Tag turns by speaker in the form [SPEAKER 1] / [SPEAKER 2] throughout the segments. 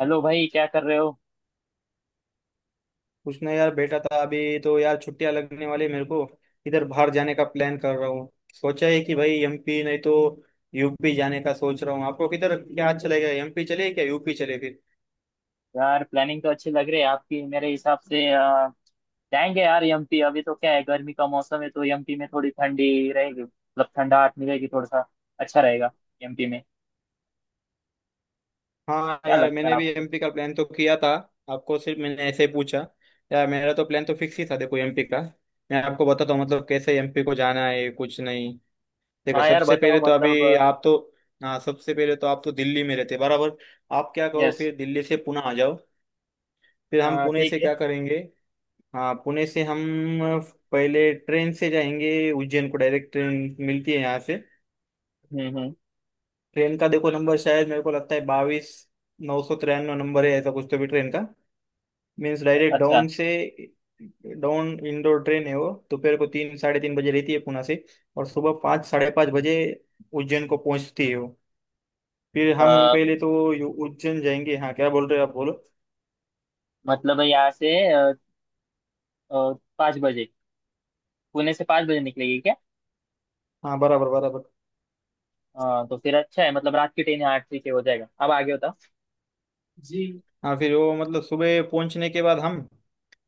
[SPEAKER 1] Hello भाई, क्या कर रहे हो।
[SPEAKER 2] उसने यार बेटा था अभी तो यार छुट्टियां लगने वाली मेरे को इधर बाहर जाने का प्लान कर रहा हूँ। सोचा है कि भाई एमपी नहीं तो यूपी जाने का सोच रहा हूँ। आपको किधर क्या अच्छा लगेगा, एमपी चले क्या यूपी चले फिर?
[SPEAKER 1] यार, प्लानिंग तो अच्छी लग रही है आपकी। मेरे हिसाब से जाएंगे यार एमपी। अभी तो क्या है, गर्मी का मौसम है, तो एमपी में थोड़ी ठंडी रहेगी, मतलब ठंडाहट मिलेगी थोड़ा सा। अच्छा रहेगा एमपी में।
[SPEAKER 2] हाँ
[SPEAKER 1] क्या
[SPEAKER 2] यार,
[SPEAKER 1] लगता है
[SPEAKER 2] मैंने भी
[SPEAKER 1] आपको।
[SPEAKER 2] एमपी का प्लान तो किया था। आपको सिर्फ मैंने ऐसे ही पूछा। यार मेरा तो प्लान तो फिक्स ही था, देखो एमपी का। मैं आपको बताता हूँ मतलब कैसे एमपी को जाना है, कुछ नहीं। देखो
[SPEAKER 1] हाँ यार,
[SPEAKER 2] सबसे पहले
[SPEAKER 1] बताओ
[SPEAKER 2] तो
[SPEAKER 1] मतलब।
[SPEAKER 2] अभी आप तो। हाँ सबसे पहले तो आप तो दिल्ली में रहते बराबर। आप क्या करो,
[SPEAKER 1] यस।
[SPEAKER 2] फिर दिल्ली से पुणे आ जाओ। फिर हम पुणे
[SPEAKER 1] ठीक
[SPEAKER 2] से
[SPEAKER 1] है।
[SPEAKER 2] क्या करेंगे? हाँ पुणे से हम पहले ट्रेन से जाएंगे उज्जैन को, डायरेक्ट ट्रेन मिलती है यहाँ से।
[SPEAKER 1] हम्म।
[SPEAKER 2] ट्रेन का देखो नंबर, शायद मेरे को लगता है 22993 नंबर है, ऐसा कुछ तो भी ट्रेन का। मीन्स डायरेक्ट
[SPEAKER 1] अच्छा।
[SPEAKER 2] डाउन से डाउन इंडोर ट्रेन है। वो दोपहर को तीन साढ़े तीन बजे रहती है पुणे से, और सुबह पाँच साढ़े पाँच बजे उज्जैन को पहुंचती है वो। फिर हम
[SPEAKER 1] अ,
[SPEAKER 2] पहले तो उज्जैन जाएंगे। हाँ क्या बोल रहे हो आप, बोलो।
[SPEAKER 1] मतलब यहाँ से पाँच बजे, पुणे से पाँच बजे निकलेगी क्या।
[SPEAKER 2] हाँ बराबर बराबर।
[SPEAKER 1] तो फिर अच्छा है, मतलब रात की ट्रेन, यहाँ ठीक है, हो जाएगा अब आगे होता जी।
[SPEAKER 2] हाँ फिर वो मतलब सुबह पहुंचने के बाद हम।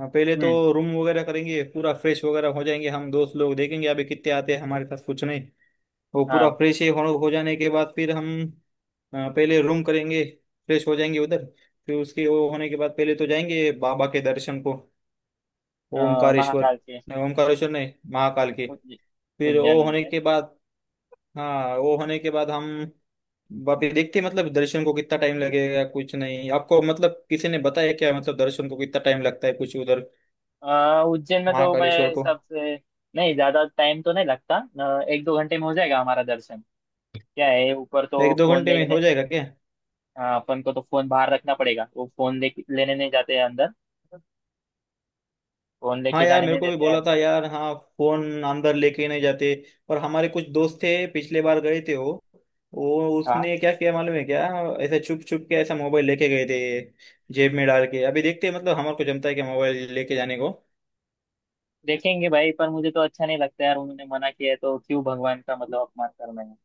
[SPEAKER 2] हाँ पहले तो
[SPEAKER 1] हम्म।
[SPEAKER 2] रूम वगैरह करेंगे, पूरा फ्रेश वगैरह हो जाएंगे, हम दोस्त लोग देखेंगे अभी कितने आते हैं हमारे पास, कुछ नहीं। वो पूरा
[SPEAKER 1] हाँ।
[SPEAKER 2] फ्रेश हो जाने के बाद फिर हम पहले रूम करेंगे, फ्रेश हो जाएंगे उधर। फिर उसके वो होने के बाद पहले तो जाएंगे बाबा के दर्शन को। ओमकारेश्वर
[SPEAKER 1] महाकाल के।
[SPEAKER 2] नहीं, ओमकारेश्वर नहीं, महाकाल के।
[SPEAKER 1] उज्ज-
[SPEAKER 2] फिर
[SPEAKER 1] उज्जैन
[SPEAKER 2] वो होने
[SPEAKER 1] उज्जैन।
[SPEAKER 2] के बाद। हाँ वो होने के बाद हम वापिस देखते हैं, मतलब दर्शन को कितना टाइम लगेगा कुछ नहीं, आपको मतलब किसी ने बताया क्या मतलब दर्शन को कितना टाइम लगता है कुछ उधर।
[SPEAKER 1] उज्जैन में तो
[SPEAKER 2] महाकालेश्वर
[SPEAKER 1] मैं
[SPEAKER 2] को।
[SPEAKER 1] सबसे। नहीं, ज्यादा टाइम तो नहीं लगता। एक दो घंटे में हो जाएगा हमारा दर्शन। क्या है, ऊपर तो
[SPEAKER 2] एक दो
[SPEAKER 1] फोन
[SPEAKER 2] घंटे में
[SPEAKER 1] लेने।
[SPEAKER 2] हो जाएगा क्या?
[SPEAKER 1] अपन को तो फोन बाहर रखना पड़ेगा, वो फोन ले लेने नहीं जाते हैं अंदर। फोन
[SPEAKER 2] हाँ
[SPEAKER 1] लेके
[SPEAKER 2] यार,
[SPEAKER 1] जाने
[SPEAKER 2] मेरे
[SPEAKER 1] नहीं
[SPEAKER 2] को भी
[SPEAKER 1] देते हैं।
[SPEAKER 2] बोला था यार, हाँ। फोन अंदर लेके ही नहीं जाते। और हमारे कुछ दोस्त थे पिछले बार गए थे वो
[SPEAKER 1] हाँ।
[SPEAKER 2] उसने क्या किया मालूम है क्या? ऐसे छुप छुप के ऐसा मोबाइल लेके गए थे, जेब में डाल के। अभी देखते हैं मतलब हमारे को जमता है क्या मोबाइल लेके जाने को।
[SPEAKER 1] देखेंगे भाई, पर मुझे तो अच्छा नहीं लगता यार। उन्होंने मना किया है, तो क्यों भगवान का मतलब अपमान करना है।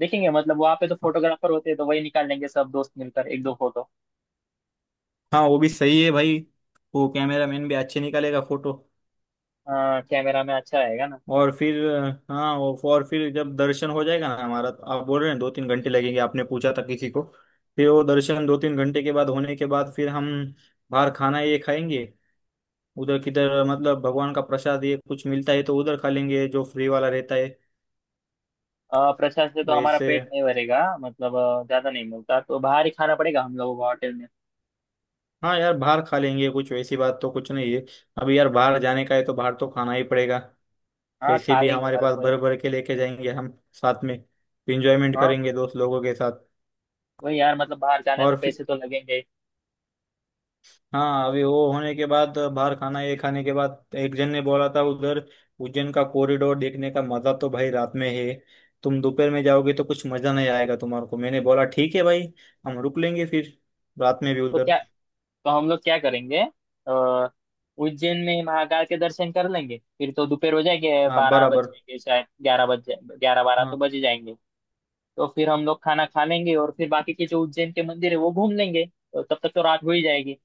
[SPEAKER 1] देखेंगे, मतलब वहाँ पे तो फोटोग्राफर होते हैं, तो वही निकाल लेंगे सब दोस्त मिलकर एक दो फोटो।
[SPEAKER 2] हाँ वो भी सही है भाई। वो कैमरा मैन भी अच्छे निकालेगा फोटो।
[SPEAKER 1] कैमरा में अच्छा आएगा ना।
[SPEAKER 2] और फिर। हाँ वो और फिर जब दर्शन हो जाएगा ना हमारा, तो आप बोल रहे हैं दो तीन घंटे लगेंगे, आपने पूछा था किसी को। फिर वो दर्शन दो तीन घंटे के बाद होने के बाद फिर हम बाहर खाना ये खाएंगे। उधर किधर मतलब भगवान का प्रसाद ये कुछ मिलता है तो उधर खा लेंगे जो फ्री वाला रहता है,
[SPEAKER 1] प्रसाद से तो हमारा
[SPEAKER 2] वैसे।
[SPEAKER 1] पेट नहीं भरेगा, मतलब ज्यादा नहीं मिलता, तो बाहर ही खाना पड़ेगा हम लोगों को होटल में।
[SPEAKER 2] हाँ यार बाहर खा लेंगे, कुछ वैसी बात तो कुछ नहीं है। अभी यार बाहर जाने का है तो बाहर तो खाना ही पड़ेगा।
[SPEAKER 1] हाँ,
[SPEAKER 2] पैसे
[SPEAKER 1] खा
[SPEAKER 2] भी
[SPEAKER 1] लेंगे
[SPEAKER 2] हमारे
[SPEAKER 1] हर
[SPEAKER 2] पास
[SPEAKER 1] कोई।
[SPEAKER 2] भर भर के लेके जाएंगे हम साथ में। इंजॉयमेंट
[SPEAKER 1] हाँ
[SPEAKER 2] करेंगे दोस्त लोगों के साथ।
[SPEAKER 1] वही यार, मतलब बाहर जाना है तो
[SPEAKER 2] और फिर।
[SPEAKER 1] पैसे तो लगेंगे।
[SPEAKER 2] हाँ अभी वो होने के बाद बाहर खाना ये खाने के बाद एक जन ने बोला था उधर, उज्जैन का कॉरिडोर देखने का मजा तो भाई रात में है। तुम दोपहर में जाओगे तो कुछ मजा नहीं आएगा तुम्हारे को। मैंने बोला ठीक है भाई, हम रुक लेंगे फिर रात में भी
[SPEAKER 1] तो क्या,
[SPEAKER 2] उधर।
[SPEAKER 1] तो हम लोग क्या करेंगे। अ, उज्जैन में महाकाल के दर्शन कर लेंगे, फिर तो दोपहर हो जाएंगे,
[SPEAKER 2] हाँ
[SPEAKER 1] बारह बज
[SPEAKER 2] बराबर।
[SPEAKER 1] जाएंगे, शायद ग्यारह बज जाए, ग्यारह बारह तो
[SPEAKER 2] हाँ
[SPEAKER 1] बज ही जाएंगे। तो फिर हम लोग खाना खा लेंगे, और फिर बाकी के जो उज्जैन के मंदिर है वो घूम लेंगे, तो तब तक तो रात हो ही जाएगी।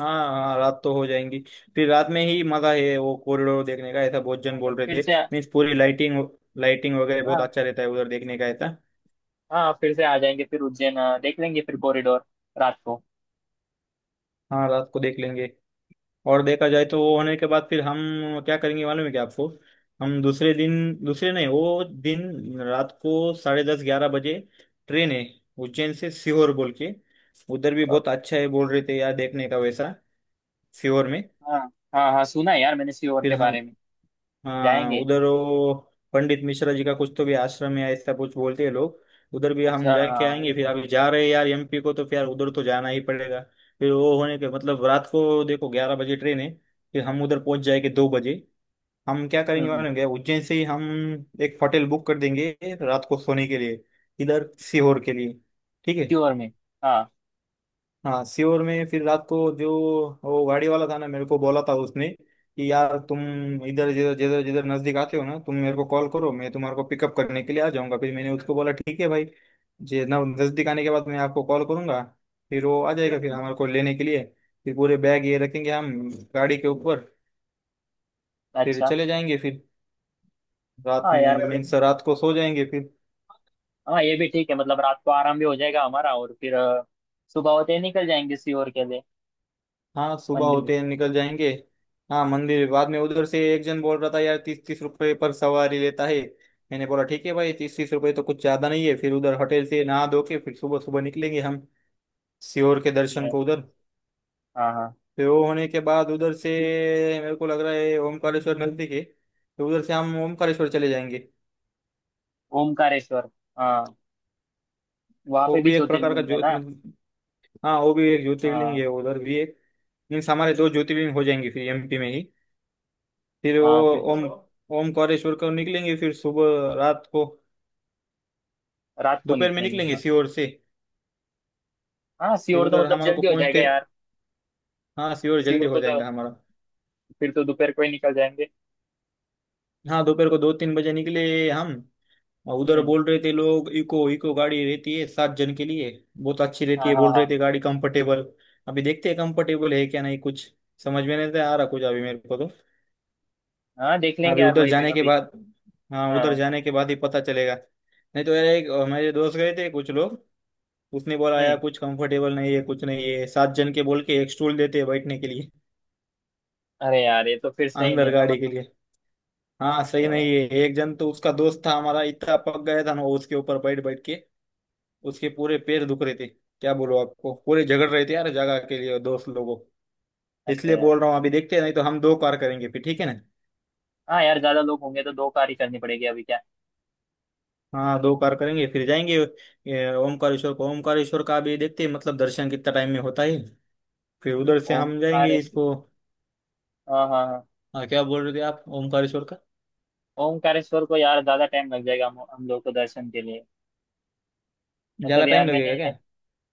[SPEAKER 2] हाँ हाँ, रात तो हो जाएंगी। फिर रात में ही मजा है वो कॉरिडोर देखने का, ऐसा बहुत जन
[SPEAKER 1] हाँ, तो
[SPEAKER 2] बोल रहे
[SPEAKER 1] फिर
[SPEAKER 2] थे।
[SPEAKER 1] से।
[SPEAKER 2] मीन्स पूरी लाइटिंग, लाइटिंग वगैरह बहुत
[SPEAKER 1] हाँ
[SPEAKER 2] अच्छा रहता है उधर देखने का, ऐसा।
[SPEAKER 1] हाँ, फिर से आ जाएंगे, फिर उज्जैन देख लेंगे, फिर कॉरिडोर रात को।
[SPEAKER 2] हाँ रात को देख लेंगे। और देखा जाए तो वो होने के बाद फिर हम क्या करेंगे मालूम है क्या आपको? हम दूसरे दिन। दूसरे नहीं, वो दिन रात को साढ़े दस ग्यारह बजे ट्रेन है उज्जैन से सीहोर बोल के। उधर भी
[SPEAKER 1] अ,
[SPEAKER 2] बहुत अच्छा है बोल रहे थे यार देखने का वैसा, सीहोर में।
[SPEAKER 1] हाँ हाँ हाँ, सुना है यार मैंने सीहोर
[SPEAKER 2] फिर
[SPEAKER 1] के
[SPEAKER 2] हम।
[SPEAKER 1] बारे में।
[SPEAKER 2] हाँ
[SPEAKER 1] जाएंगे।
[SPEAKER 2] उधर वो पंडित मिश्रा जी का कुछ तो भी आश्रम है ऐसा कुछ बोलते हैं लोग। उधर भी हम
[SPEAKER 1] अच्छा,
[SPEAKER 2] जाके
[SPEAKER 1] हाँ।
[SPEAKER 2] आएंगे, फिर अभी जा रहे हैं यार एमपी को तो फिर यार उधर तो जाना ही पड़ेगा। फिर वो होने के मतलब रात को देखो 11 बजे ट्रेन है। फिर हम उधर पहुंच जाएंगे 2 बजे। हम क्या
[SPEAKER 1] हम्म
[SPEAKER 2] करेंगे
[SPEAKER 1] हम्म,
[SPEAKER 2] मालूम क्या? उज्जैन से ही हम एक होटल बुक कर देंगे रात को सोने के लिए इधर सीहोर के लिए, ठीक
[SPEAKER 1] सीहोर
[SPEAKER 2] है।
[SPEAKER 1] में। हाँ।
[SPEAKER 2] हाँ सीहोर में फिर रात को जो वो गाड़ी वाला था ना, मेरे को बोला था उसने कि यार तुम इधर जिधर जिधर जिधर नजदीक आते हो ना तुम मेरे को कॉल करो, मैं तुम्हारे को पिकअप करने के लिए आ जाऊंगा। फिर मैंने उसको बोला ठीक है भाई, जे ना नजदीक आने के बाद मैं आपको कॉल करूंगा। फिर वो आ जाएगा फिर
[SPEAKER 1] हम्म,
[SPEAKER 2] हमारे को लेने के लिए। फिर पूरे बैग ये रखेंगे हम गाड़ी के ऊपर, फिर
[SPEAKER 1] अच्छा।
[SPEAKER 2] चले जाएंगे, फिर रात
[SPEAKER 1] हाँ यार, मतलब।
[SPEAKER 2] मीन्स रात को सो जाएंगे फिर।
[SPEAKER 1] हाँ, ये भी ठीक है, मतलब रात को आराम भी हो जाएगा हमारा, और फिर सुबह होते ही निकल जाएंगे सीहोर के लिए।
[SPEAKER 2] हाँ सुबह
[SPEAKER 1] मंदिर।
[SPEAKER 2] होते हैं निकल जाएंगे। हाँ मंदिर बाद में, उधर से एक जन बोल रहा था यार 30-30 रुपए पर सवारी लेता है। मैंने बोला ठीक है भाई, 30-30 रुपए तो कुछ ज्यादा नहीं है। फिर उधर होटल से नहा धो के फिर सुबह सुबह निकलेंगे हम, सियोर के दर्शन
[SPEAKER 1] ये।
[SPEAKER 2] को उधर।
[SPEAKER 1] हाँ हाँ।
[SPEAKER 2] फिर वो होने के बाद उधर से मेरे को लग रहा है ओमकारेश्वर नजदीक है तो उधर से हम ओमकारेश्वर चले जाएंगे।
[SPEAKER 1] ओमकारेश्वर। हाँ, वहाँ पे
[SPEAKER 2] वो
[SPEAKER 1] भी
[SPEAKER 2] भी एक प्रकार का
[SPEAKER 1] ज्योतिर्लिंग है
[SPEAKER 2] ज्यो
[SPEAKER 1] ना।
[SPEAKER 2] मतलब। हाँ वो भी एक ज्योतिर्लिंग
[SPEAKER 1] हाँ।
[SPEAKER 2] है उधर भी एक। मीन्स हमारे दो ज्योतिर्लिंग हो जाएंगे फिर एमपी में ही। फिर वो
[SPEAKER 1] हाँ फिर तो।
[SPEAKER 2] ओम ओमकारेश्वर को निकलेंगे फिर, सुबह रात को।
[SPEAKER 1] रात को
[SPEAKER 2] दोपहर में
[SPEAKER 1] निकलेंगे,
[SPEAKER 2] निकलेंगे
[SPEAKER 1] हाँ।
[SPEAKER 2] सीहोर से।
[SPEAKER 1] हाँ,
[SPEAKER 2] फिर
[SPEAKER 1] सीहोर तो
[SPEAKER 2] उधर
[SPEAKER 1] मतलब
[SPEAKER 2] हमारे को
[SPEAKER 1] जल्दी हो जाएगा
[SPEAKER 2] पहुंचते।
[SPEAKER 1] यार।
[SPEAKER 2] हाँ सीहोर जल्दी
[SPEAKER 1] सीहोर
[SPEAKER 2] हो
[SPEAKER 1] को तो
[SPEAKER 2] जाएगा हमारा।
[SPEAKER 1] फिर तो दोपहर को ही निकल जाएंगे।
[SPEAKER 2] हाँ दोपहर को दो तीन बजे निकले हम। और उधर
[SPEAKER 1] हम्म।
[SPEAKER 2] बोल रहे थे लोग इको इको गाड़ी रहती है सात जन के लिए, बहुत अच्छी रहती
[SPEAKER 1] हाँ
[SPEAKER 2] है
[SPEAKER 1] हाँ
[SPEAKER 2] बोल
[SPEAKER 1] हाँ।
[SPEAKER 2] रहे थे गाड़ी, कंफर्टेबल। अभी देखते हैं कंफर्टेबल है क्या नहीं, कुछ समझ में नहीं आ रहा कुछ अभी मेरे को तो।
[SPEAKER 1] हाँ, देख लेंगे
[SPEAKER 2] अभी
[SPEAKER 1] यार
[SPEAKER 2] उधर
[SPEAKER 1] वहीं पे
[SPEAKER 2] जाने के
[SPEAKER 1] अभी।
[SPEAKER 2] बाद। हाँ उधर
[SPEAKER 1] हाँ।
[SPEAKER 2] जाने के बाद ही पता चलेगा। नहीं तो यार एक मेरे दोस्त गए थे कुछ लोग, उसने बोला यार
[SPEAKER 1] हम्म।
[SPEAKER 2] कुछ कंफर्टेबल नहीं है, कुछ नहीं है, सात जन के बोल के एक स्टूल देते हैं बैठने के लिए
[SPEAKER 1] अरे यार, ये तो फिर सही
[SPEAKER 2] अंदर
[SPEAKER 1] नहीं ना,
[SPEAKER 2] गाड़ी के
[SPEAKER 1] मतलब
[SPEAKER 2] लिए। हाँ
[SPEAKER 1] अ,
[SPEAKER 2] सही नहीं है, एक जन तो उसका दोस्त था हमारा इतना पक गया था ना वो उसके ऊपर बैठ बैठ के। उसके पूरे पैर दुख रहे थे क्या बोलो आपको, पूरे झगड़ रहे थे यार जगह के लिए दोस्त लोगों।
[SPEAKER 1] अरे
[SPEAKER 2] इसलिए
[SPEAKER 1] यार।
[SPEAKER 2] बोल रहा हूँ अभी देखते हैं, नहीं तो हम दो कार करेंगे फिर, ठीक है ना।
[SPEAKER 1] हाँ यार, ज्यादा लोग होंगे तो दो कार ही करनी पड़ेगी अभी क्या।
[SPEAKER 2] हाँ दो कार करेंगे फिर जाएंगे ये, ओमकारेश्वर को। ओमकारेश्वर का भी देखते हैं मतलब दर्शन कितना टाइम में होता है। फिर उधर से हम जाएंगे
[SPEAKER 1] ओमकारेश्वर।
[SPEAKER 2] इसको।
[SPEAKER 1] हाँ हाँ हाँ।
[SPEAKER 2] हाँ, क्या बोल रहे थे आप ओमकारेश्वर का?
[SPEAKER 1] ओमकारेश्वर को यार ज्यादा टाइम लग जाएगा हम लोग को दर्शन के लिए। मतलब
[SPEAKER 2] ज्यादा टाइम
[SPEAKER 1] यार, मैंने।
[SPEAKER 2] लगेगा क्या?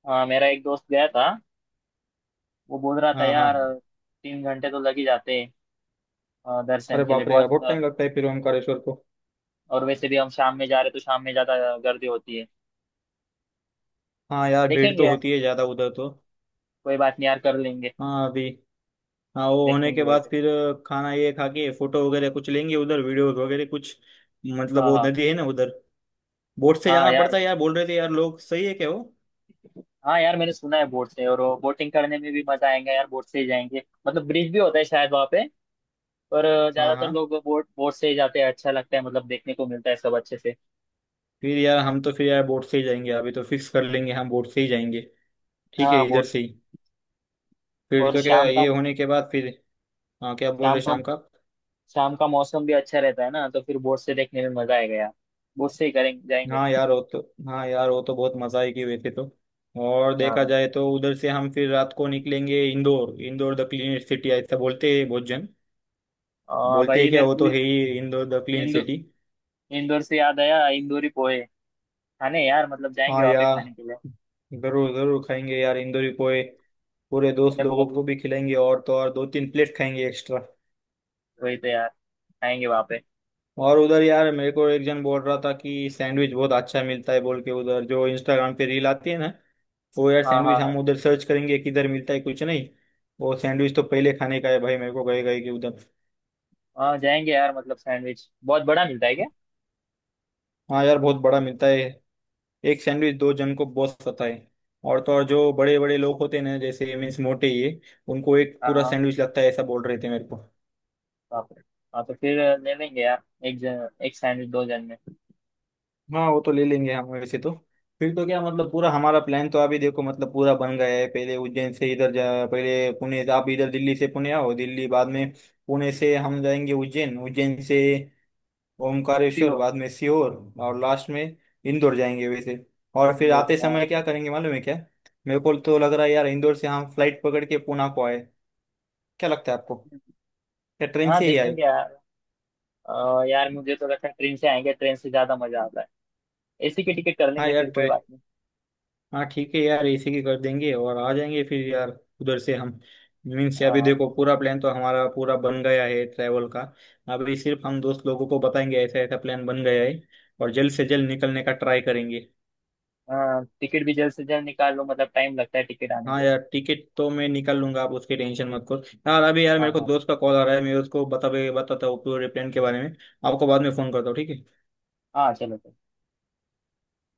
[SPEAKER 1] हाँ, मेरा एक दोस्त गया था। वो बोल रहा था
[SPEAKER 2] हाँ हाँ।
[SPEAKER 1] यार, तीन घंटे तो लग ही जाते हैं दर्शन
[SPEAKER 2] अरे
[SPEAKER 1] के लिए
[SPEAKER 2] बाप रे यार
[SPEAKER 1] बहुत
[SPEAKER 2] बहुत टाइम लगता है फिर ओमकारेश्वर को।
[SPEAKER 1] और वैसे भी हम शाम में जा रहे, तो शाम में ज्यादा गर्दी होती है।
[SPEAKER 2] हाँ यार भीड़ तो
[SPEAKER 1] देखेंगे।
[SPEAKER 2] होती है ज़्यादा उधर तो।
[SPEAKER 1] कोई बात नहीं यार, कर लेंगे।
[SPEAKER 2] हाँ अभी। हाँ वो होने
[SPEAKER 1] देखेंगे
[SPEAKER 2] के
[SPEAKER 1] भाई
[SPEAKER 2] बाद
[SPEAKER 1] पे।
[SPEAKER 2] फिर खाना ये खा के फोटो वगैरह कुछ लेंगे उधर, वीडियोस वगैरह कुछ। मतलब
[SPEAKER 1] हाँ
[SPEAKER 2] वो
[SPEAKER 1] हाँ
[SPEAKER 2] नदी है ना उधर, बोट से
[SPEAKER 1] हाँ
[SPEAKER 2] जाना
[SPEAKER 1] यार।
[SPEAKER 2] पड़ता है यार बोल रहे थे यार लोग, सही है क्या वो?
[SPEAKER 1] हाँ यार, मैंने सुना है बोट से, और वो बोटिंग करने में भी मजा आएगा यार, बोट से ही जाएंगे। मतलब ब्रिज भी होता है शायद वहाँ पे, पर
[SPEAKER 2] हाँ
[SPEAKER 1] ज्यादातर
[SPEAKER 2] हाँ।
[SPEAKER 1] लोग बोट बोट से ही जाते हैं, अच्छा लगता है, मतलब देखने को मिलता है सब अच्छे से।
[SPEAKER 2] फिर यार हम तो फिर यार बोट से ही जाएंगे, अभी तो फिक्स कर लेंगे हम बोट से ही जाएंगे, ठीक है,
[SPEAKER 1] हाँ,
[SPEAKER 2] इधर
[SPEAKER 1] बोट से।
[SPEAKER 2] से ही। फिर
[SPEAKER 1] और
[SPEAKER 2] तो क्या
[SPEAKER 1] शाम का।
[SPEAKER 2] ये होने के बाद फिर। हाँ क्या बोल रहे
[SPEAKER 1] शाम का।
[SPEAKER 2] शाम का?
[SPEAKER 1] शाम का मौसम भी अच्छा रहता है ना, तो फिर बोट से देखने में मजा आएगा यार। बोट से ही करेंगे जाएंगे।
[SPEAKER 2] हाँ यार वो तो। हाँ यार वो तो बहुत मजा आएगी वैसे तो। और देखा
[SPEAKER 1] हाँ।
[SPEAKER 2] जाए तो उधर से हम फिर रात को निकलेंगे Indore, Indore the clean city ऐसा बोलते हैं बहुत जन।
[SPEAKER 1] और
[SPEAKER 2] बोलते
[SPEAKER 1] भाई
[SPEAKER 2] हैं क्या,
[SPEAKER 1] मेरे
[SPEAKER 2] वो
[SPEAKER 1] को।
[SPEAKER 2] तो है ही Indore the clean
[SPEAKER 1] Indore.
[SPEAKER 2] City.
[SPEAKER 1] Indore से याद आया, इंदौरी पोहे खाने यार, मतलब जाएंगे
[SPEAKER 2] हाँ
[SPEAKER 1] वहाँ पे
[SPEAKER 2] यार
[SPEAKER 1] खाने के लिए।
[SPEAKER 2] जरूर जरूर खाएंगे यार इंदौरी पोहे। पूरे दोस्त
[SPEAKER 1] मैंने
[SPEAKER 2] लोगों
[SPEAKER 1] बहुत।
[SPEAKER 2] को भी खिलाएंगे और तो और दो तीन प्लेट खाएंगे एक्स्ट्रा।
[SPEAKER 1] वही तो यार, खाएंगे वहाँ पे।
[SPEAKER 2] और उधर यार मेरे को एक जन बोल रहा था कि सैंडविच बहुत अच्छा मिलता है बोल के उधर, जो इंस्टाग्राम पे रील आती है ना वो, यार
[SPEAKER 1] हाँ हाँ
[SPEAKER 2] सैंडविच
[SPEAKER 1] हाँ।
[SPEAKER 2] हम उधर सर्च करेंगे किधर मिलता है कुछ नहीं। वो सैंडविच तो पहले खाने का है भाई, मेरे को गए गए कि उधर।
[SPEAKER 1] हाँ, जाएंगे यार। मतलब सैंडविच बहुत बड़ा मिलता है क्या।
[SPEAKER 2] हाँ यार बहुत बड़ा मिलता है, एक सैंडविच दो जन को बहुत सता है। और तो और जो बड़े बड़े लोग होते हैं ना जैसे मीन्स मोटे ये, उनको एक
[SPEAKER 1] हाँ
[SPEAKER 2] पूरा
[SPEAKER 1] हाँ।
[SPEAKER 2] सैंडविच लगता है ऐसा बोल रहे थे मेरे को।
[SPEAKER 1] बाप रे। हाँ तो फिर ले लेंगे यार। एक जन एक सैंडविच, दो जन में।
[SPEAKER 2] हाँ वो तो ले लेंगे हम वैसे तो। फिर तो क्या मतलब पूरा हमारा प्लान तो अभी देखो मतलब पूरा बन गया है। पहले उज्जैन से इधर जा, पहले पुणे, आप इधर दिल्ली से पुणे आओ दिल्ली बाद में। पुणे से हम जाएंगे उज्जैन, उज्जैन से
[SPEAKER 1] ठीक
[SPEAKER 2] ओमकारेश्वर,
[SPEAKER 1] हो।
[SPEAKER 2] बाद में सीहोर, और लास्ट में इंदौर जाएंगे वैसे। और फिर आते
[SPEAKER 1] हाँ।
[SPEAKER 2] समय क्या करेंगे मालूम है क्या? मेरे को तो लग रहा है यार इंदौर से हम फ्लाइट पकड़ के पुणे को आए, क्या लगता है आपको, या ट्रेन
[SPEAKER 1] हाँ,
[SPEAKER 2] से ही आए?
[SPEAKER 1] देखेंगे यार। यार, मुझे तो लगता है ट्रेन से आएंगे, ट्रेन से ज्यादा मजा आता है। एसी की टिकट कर
[SPEAKER 2] हाँ
[SPEAKER 1] लेंगे,
[SPEAKER 2] यार
[SPEAKER 1] फिर कोई
[SPEAKER 2] ट्रेन,
[SPEAKER 1] बात नहीं।
[SPEAKER 2] हाँ ठीक है यार इसी की कर देंगे और आ जाएंगे फिर यार उधर से हम। मीन्स अभी
[SPEAKER 1] हाँ
[SPEAKER 2] देखो पूरा प्लान तो हमारा पूरा बन गया है ट्रैवल का। अभी सिर्फ हम दोस्त लोगों को बताएंगे ऐसा ऐसा प्लान बन गया है, और जल्द से जल्द निकलने का ट्राई करेंगे।
[SPEAKER 1] हाँ। टिकट भी जल्द से जल्द निकाल लो, मतलब टाइम लगता है टिकट आने
[SPEAKER 2] हाँ
[SPEAKER 1] को।
[SPEAKER 2] यार टिकट तो मैं निकाल लूंगा आप उसकी टेंशन मत करो। यार अभी यार मेरे
[SPEAKER 1] हाँ
[SPEAKER 2] को
[SPEAKER 1] हाँ
[SPEAKER 2] दोस्त का कॉल आ रहा है, मैं उसको बताता हूँ पूरे प्लान के बारे में। आपको बाद में फोन करता हूँ ठीक है।
[SPEAKER 1] हाँ, चलो चलो।